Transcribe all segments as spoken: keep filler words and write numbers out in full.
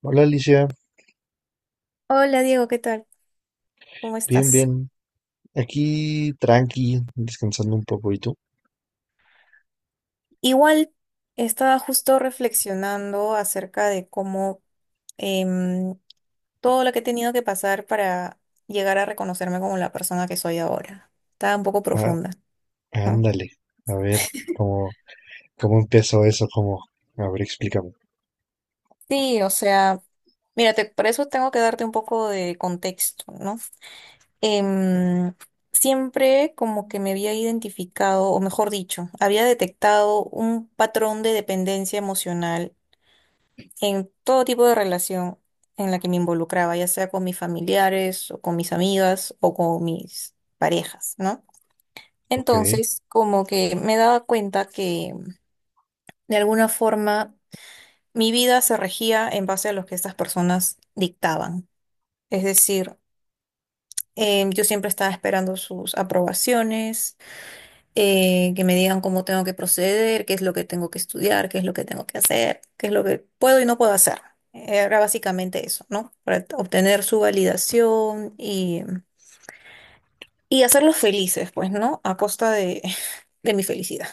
Hola Alicia, Hola Diego, ¿qué tal? ¿Cómo bien, estás? bien. Aquí tranqui, descansando un poco. ¿Y tú? Igual estaba justo reflexionando acerca de cómo em, todo lo que he tenido que pasar para llegar a reconocerme como la persona que soy ahora. Estaba un poco Ah, profunda, ¿no? ándale, a ver cómo, cómo empezó eso, cómo. A ver, explícame. Sí, o sea, mírate, por eso tengo que darte un poco de contexto, ¿no? Em, siempre como que me había identificado, o mejor dicho, había detectado un patrón de dependencia emocional en todo tipo de relación en la que me involucraba, ya sea con mis familiares o con mis amigas o con mis parejas, ¿no? Ok, Entonces, como que me daba cuenta que de alguna forma mi vida se regía en base a lo que estas personas dictaban. Es decir, em, yo siempre estaba esperando sus aprobaciones, eh, que me digan cómo tengo que proceder, qué es lo que tengo que estudiar, qué es lo que tengo que hacer, qué es lo que puedo y no puedo hacer. Era básicamente eso, ¿no? Para obtener su validación y, y hacerlos felices, pues, ¿no? A costa de, de mi felicidad,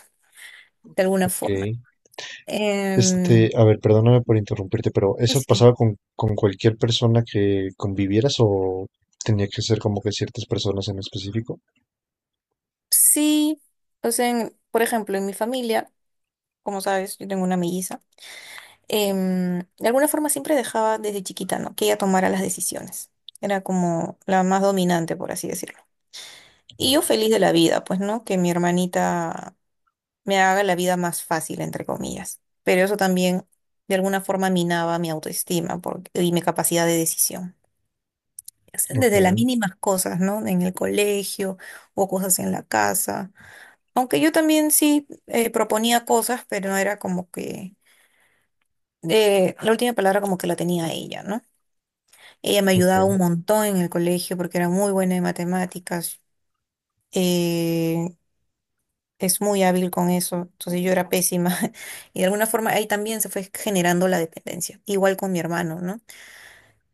de alguna ok. forma. Este, Em, a ver, perdóname por interrumpirte, pero y ¿eso sí, pasaba con, con cualquier persona que convivieras o tenía que ser como que ciertas personas en específico? sí, pues en, por ejemplo, en mi familia, como sabes, yo tengo una melliza. em, de alguna forma siempre dejaba desde chiquita, ¿no? Que ella tomara las decisiones. Era como la más dominante, por así decirlo. Y yo No. feliz de la vida, pues, ¿no? Que mi hermanita me haga la vida más fácil, entre comillas. Pero eso también, de alguna forma, minaba mi autoestima porque- y mi capacidad de decisión. O sea, desde las Ok, mínimas cosas, ¿no? En el colegio o cosas en la casa. Aunque yo también sí eh, proponía cosas, pero no era como que eh, la última palabra como que la tenía ella, ¿no? Ella me ayudaba un ok. montón en el colegio porque era muy buena en matemáticas. eh, es muy hábil con eso. Entonces yo era pésima. Y de alguna forma ahí también se fue generando la dependencia. Igual con mi hermano, ¿no?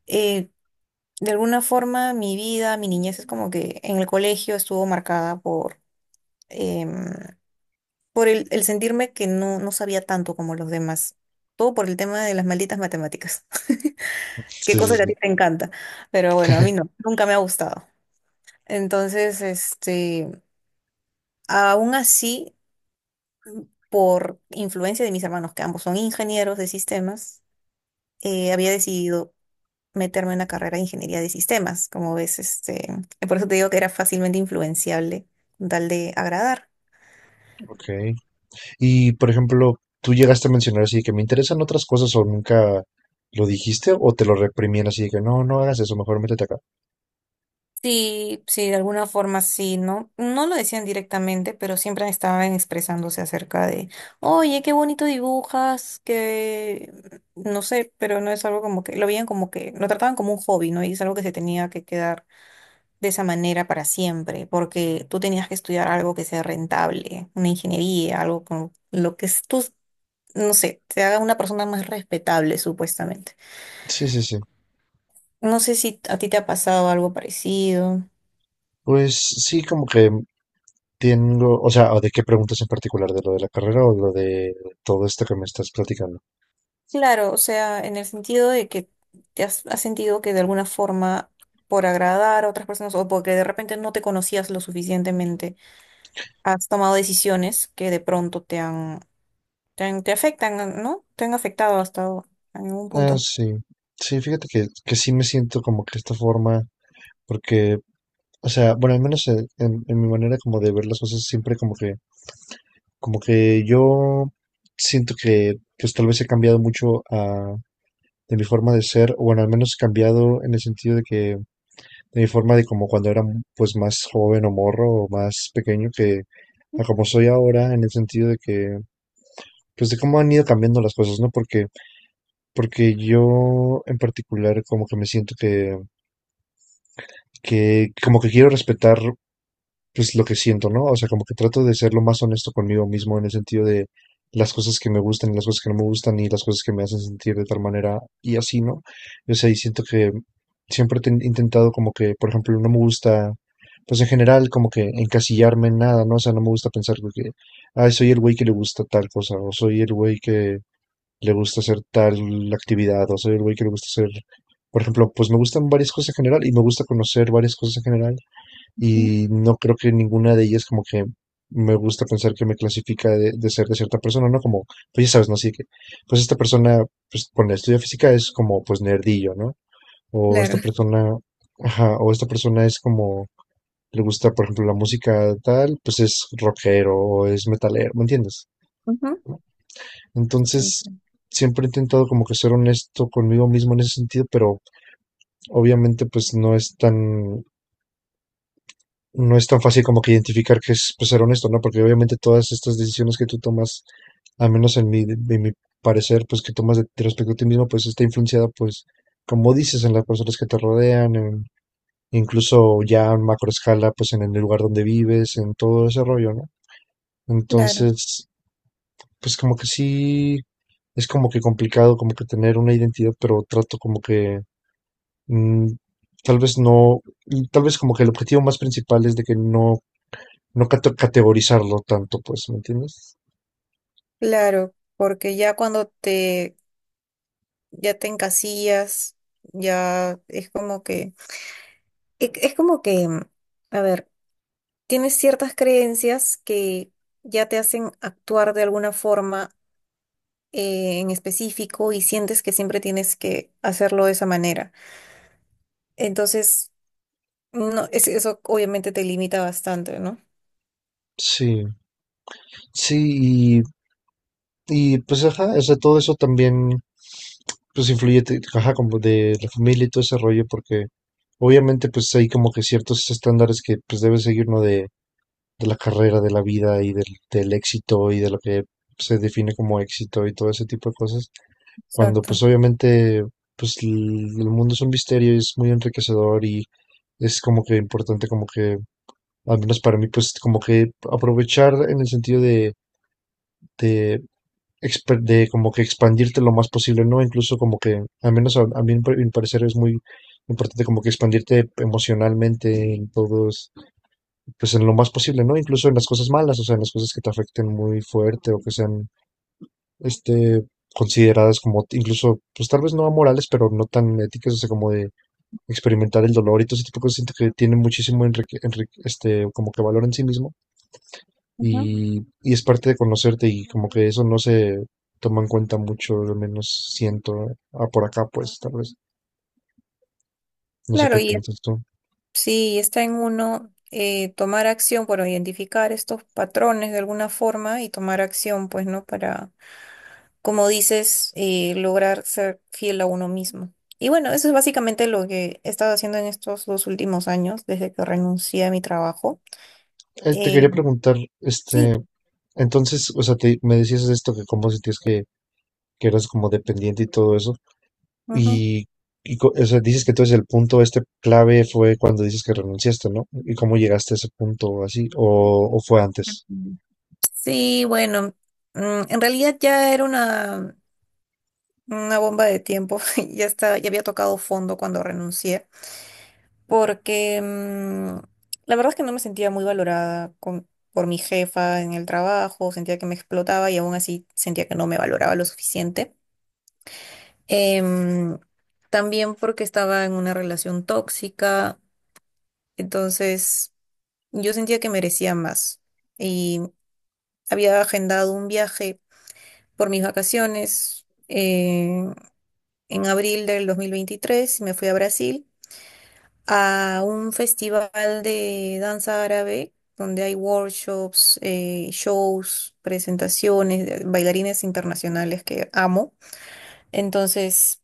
Eh, de alguna forma mi vida, mi niñez es como que en el colegio estuvo marcada por, em, por el, el sentirme que no, no sabía tanto como los demás. Todo por el tema de las malditas matemáticas. Qué Sí, sí, cosa que a sí. ti te encanta. Pero bueno, a mí no. Nunca me ha gustado. Entonces, este, aún así, por influencia de mis hermanos, que ambos son ingenieros de sistemas, eh, había decidido meterme en una carrera de ingeniería de sistemas. Como ves, este, por eso te digo que era fácilmente influenciable con tal de agradar. Ok. Y, por ejemplo, tú llegaste a mencionar así de que me interesan otras cosas, o nunca lo dijiste o te lo reprimían así de que no, no hagas eso, mejor métete acá. Sí, sí, de alguna forma sí, ¿no? No lo decían directamente, pero siempre estaban expresándose acerca de, oye, qué bonito dibujas, que no sé, pero no es algo como que, lo veían como que, lo trataban como un hobby, ¿no? Y es algo que se tenía que quedar de esa manera para siempre, porque tú tenías que estudiar algo que sea rentable, una ingeniería, algo con lo que es- tú, no sé, te haga una persona más respetable, supuestamente. Sí, sí, sí. No sé si a ti te ha pasado algo parecido. Pues sí, como que tengo, o sea, ¿o ¿de qué preguntas en particular? ¿De lo de la carrera o lo de todo esto que me estás platicando? Claro, o sea, en el sentido de que te has, has sentido que de alguna forma, por agradar a otras personas o porque de repente no te conocías lo suficientemente, has tomado decisiones que de pronto te han, te han- te afectan, ¿no? Te han afectado hasta en algún Ah, punto. sí. Sí, fíjate que, que sí me siento como que de esta forma, porque, o sea, bueno, al menos en, en- en mi manera como de ver las cosas, siempre como que, como que yo siento que pues tal vez he cambiado mucho de mi forma de ser, o bueno, al menos cambiado en el sentido de que de mi forma de como cuando era pues más joven o morro o más pequeño que a como soy ahora, en el sentido de que pues de cómo han ido cambiando las cosas, ¿no? Porque porque yo en particular como que me siento que que como que quiero respetar pues lo que siento, ¿no? O sea, como que trato de ser lo más honesto conmigo mismo en el sentido de las cosas que me gustan y las cosas que no me gustan y las cosas que me hacen sentir de tal manera y así, ¿no? O sea, y siento que siempre he ten- intentado como que, por ejemplo, no me gusta, pues en general como que encasillarme en nada, ¿no? O sea, no me gusta pensar como que, ay, soy el güey que le gusta tal cosa, o soy el güey que le gusta hacer tal actividad, o soy el güey que le gusta hacer... Por ejemplo, pues me gustan varias cosas en general y me gusta conocer varias cosas en general, Mm. y no creo que ninguna de ellas como que me gusta pensar que me clasifica de, de, ser de cierta persona, ¿no? Como, pues ya sabes, ¿no? Así que, pues esta persona, pues con la estudia física es como, pues nerdillo, ¿no? O Claro. esta persona, ajá, o esta persona es como, le gusta, por ejemplo, la música tal, pues es rockero o es metalero, ¿me entiendes? Ujú. Entonces, setenta. siempre he intentado como que ser honesto conmigo mismo en ese sentido, pero obviamente pues no es tan no es tan fácil como que identificar que es, pues, ser honesto, ¿no? Porque obviamente todas estas decisiones que tú tomas, al menos en mi, en mi parecer, pues que tomas de, de respecto a ti mismo, pues está influenciada, pues, como dices, en las personas que te rodean, en- incluso ya en macro escala, pues en el lugar donde vives, en todo ese rollo, ¿no? Claro, Entonces, pues como que sí, es como que complicado como que tener una identidad, pero trato como que mm, tal vez no, tal vez como que el objetivo más principal es de que no no cate- categorizarlo tanto, pues, ¿me entiendes? claro, porque ya cuando te, ya te encasillas, ya es como que, e- es, como que, mm, a ver, tienes ciertas creencias que ya te hacen actuar de alguna forma eh, en específico y sientes que siempre tienes que hacerlo de esa manera. Entonces, no, es- eso obviamente te limita bastante, ¿no? Sí, sí, y, y, pues, ajá, o sea, todo eso también, pues, influye, te- ajá, como de la familia y todo ese rollo, porque obviamente, pues, hay como que ciertos estándares que, pues, debe seguir uno de, de la carrera, de la vida y del, del éxito y de lo que se define como éxito y todo ese tipo de cosas, cuando, Exacto. pues, obviamente, pues, l- el mundo es un misterio y es muy enriquecedor y es como que importante como que, al menos para mí, pues como que aprovechar en el sentido de, de, exper- de como que expandirte lo más posible, ¿no? Incluso como que, al menos a, a mí, en pa- en mi parecer, es muy importante como que expandirte emocionalmente en todos, pues en lo más posible, ¿no? Incluso en las cosas malas, o sea, en las cosas que te afecten muy fuerte o que sean, este, consideradas como t- incluso, pues tal vez no amorales, pero no tan éticas, o sea, como de experimentar el dolor y todo ese tipo de cosas, siento que tiene muchísimo enrique- enrique- este, como que valor en sí mismo, Ujú. y, y es parte de conocerte, y como que eso no se toma en cuenta mucho, al menos siento, ah, por acá pues tal vez, no sé Claro. qué Y piensas tú. sí, está en uno, eh, tomar acción, bueno, identificar estos patrones de alguna forma y tomar acción, pues, ¿no? Para, como dices, eh, lograr ser fiel a uno mismo. Y bueno, eso es básicamente lo que he estado haciendo en estos dos últimos años, desde que renuncié a mi trabajo. Eh, te Eh, quería preguntar, este, sí, entonces, o sea, te, me decías esto, que como sentías que, que eras como dependiente y todo eso. ujú. Y, y co- o sea, dices que entonces el punto este clave fue cuando dices que renunciaste, ¿no? ¿Y cómo llegaste a ese punto así? ¿O, o fue antes? Ujú. Sí, bueno, mm, en realidad ya era una, una bomba de tiempo, ya está, ya había tocado fondo cuando renuncié porque mm, la verdad es que no me sentía muy valorada con- por mi jefa en el trabajo, sentía que me explotaba y aún así sentía que no me valoraba lo suficiente. Em, también porque estaba en una relación tóxica, entonces yo sentía que merecía más y había agendado un viaje por mis vacaciones eh, en abril del dos mil veintitrés y me fui a Brasil, a un festival de danza árabe donde hay workshops, eh, shows, presentaciones, de bailarines internacionales que amo. Entonces,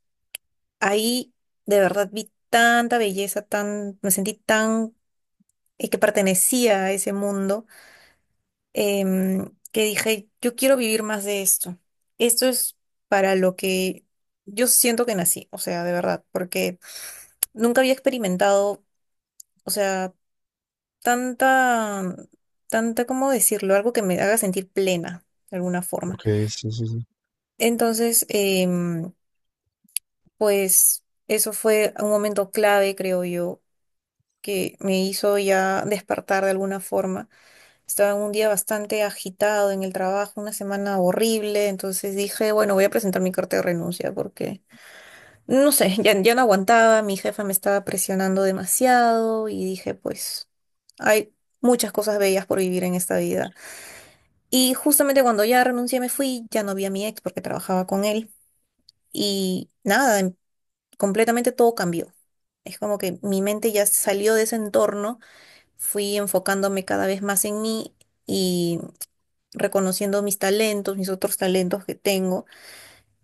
ahí de verdad vi tanta belleza, tan, me sentí tan, eh, que pertenecía a ese mundo, em, que dije, yo quiero vivir más de esto. Esto es para lo que yo siento que nací, o sea, de verdad, porque nunca había experimentado. O sea, tanta, tanta, ¿cómo decirlo? Algo que me haga sentir plena, de alguna forma. Ok, sí, sí, sí. Entonces, em, pues eso fue un momento clave, creo yo, que me hizo ya despertar de alguna forma. Estaba en un día bastante agitado en el trabajo, una semana horrible, entonces dije, bueno, voy a presentar mi carta de renuncia porque, no sé, ya, ya no aguantaba, mi jefa me estaba presionando demasiado y dije, pues, hay muchas cosas bellas por vivir en esta vida. Y justamente cuando ya renuncié, me fui, ya no vi a mi ex porque trabajaba con él. Y nada, em- completamente todo cambió. Es como que mi mente ya salió de ese entorno, fui enfocándome cada vez más en mí y reconociendo mis talentos, mis otros talentos que tengo.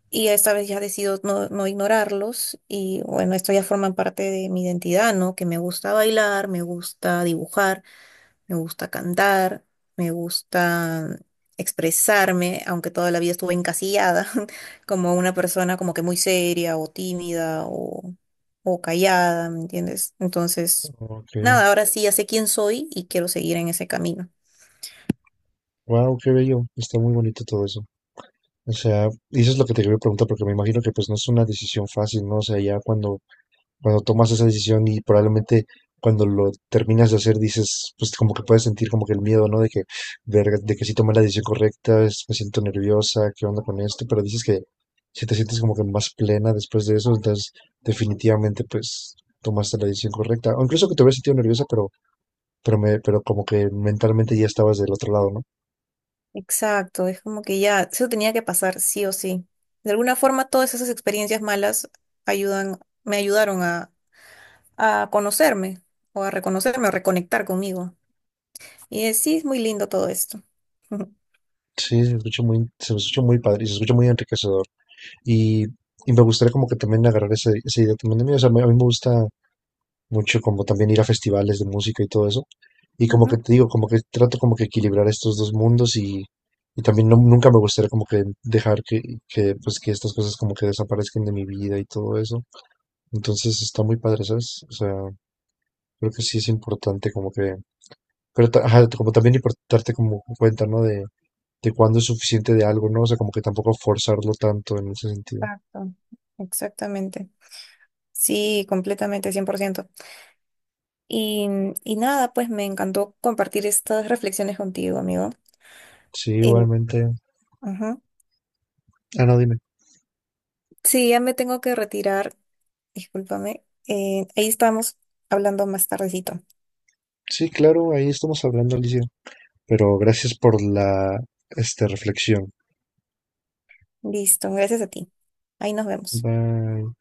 Y esta vez ya decido no, no ignorarlos. Y bueno, esto ya forma parte de mi identidad, ¿no? Que me gusta bailar, me gusta dibujar, me gusta cantar, me gusta expresarme, aunque toda la vida estuve encasillada como una persona como que muy seria o tímida o, o callada, ¿me entiendes? Entonces, Ok. nada, ahora sí ya sé quién soy y quiero seguir en ese camino. Wow, qué bello. Está muy bonito todo eso. O sea, y eso es lo que te quería preguntar, porque me imagino que pues no es una decisión fácil, ¿no? O sea, ya cuando, cuando tomas esa decisión y probablemente cuando lo terminas de hacer, dices, pues como que puedes sentir como que el miedo, ¿no? De que, verga, de que sí tomé la decisión correcta, es- me siento nerviosa, ¿qué onda con esto? Pero dices que si te sientes como que más plena después de eso, entonces definitivamente pues tomaste la decisión correcta. O incluso que te hubieras sentido nerviosa, pero, pero me, pero como que mentalmente ya estabas del otro lado, ¿no? Exacto, es como que ya, eso tenía que pasar sí o sí. De alguna forma, todas esas experiencias malas ayudan, me ayudaron a, a conocerme o a reconocerme o reconectar conmigo. Y eh, sí, es muy lindo todo esto. Sí, se escucha muy, se escucha muy padre, y se escucha muy enriquecedor. Y, y me gustaría como que también agarrar esa, esa idea también de mí. O sea, me- a mí me gusta mucho como también ir a festivales de música y todo eso. Y como que Ujú. te digo, como que trato como que equilibrar estos dos mundos, y, y también no- nunca me gustaría como que dejar que, que, pues que estas cosas como que desaparezcan de mi vida y todo eso. Entonces está muy padre, ¿sabes? O sea, creo que sí es importante como que, pero ta- ajá, como también importarte como cuenta, ¿no? De, de cuándo es suficiente de algo, ¿no? O sea, como que tampoco forzarlo tanto en ese sentido. Exacto, exactamente. Sí, completamente, cien por ciento. Y, y nada, pues me encantó compartir estas reflexiones contigo, amigo. Sí, Eh, igualmente. Ujú. Ah, no, dime. Sí, ya me tengo que retirar, discúlpame. Eh, ahí estamos hablando más tardecito. Sí, claro, ahí estamos hablando, Alicia. Pero gracias por la, este, reflexión. Listo, gracias a ti. Ahí nos vemos. Bye.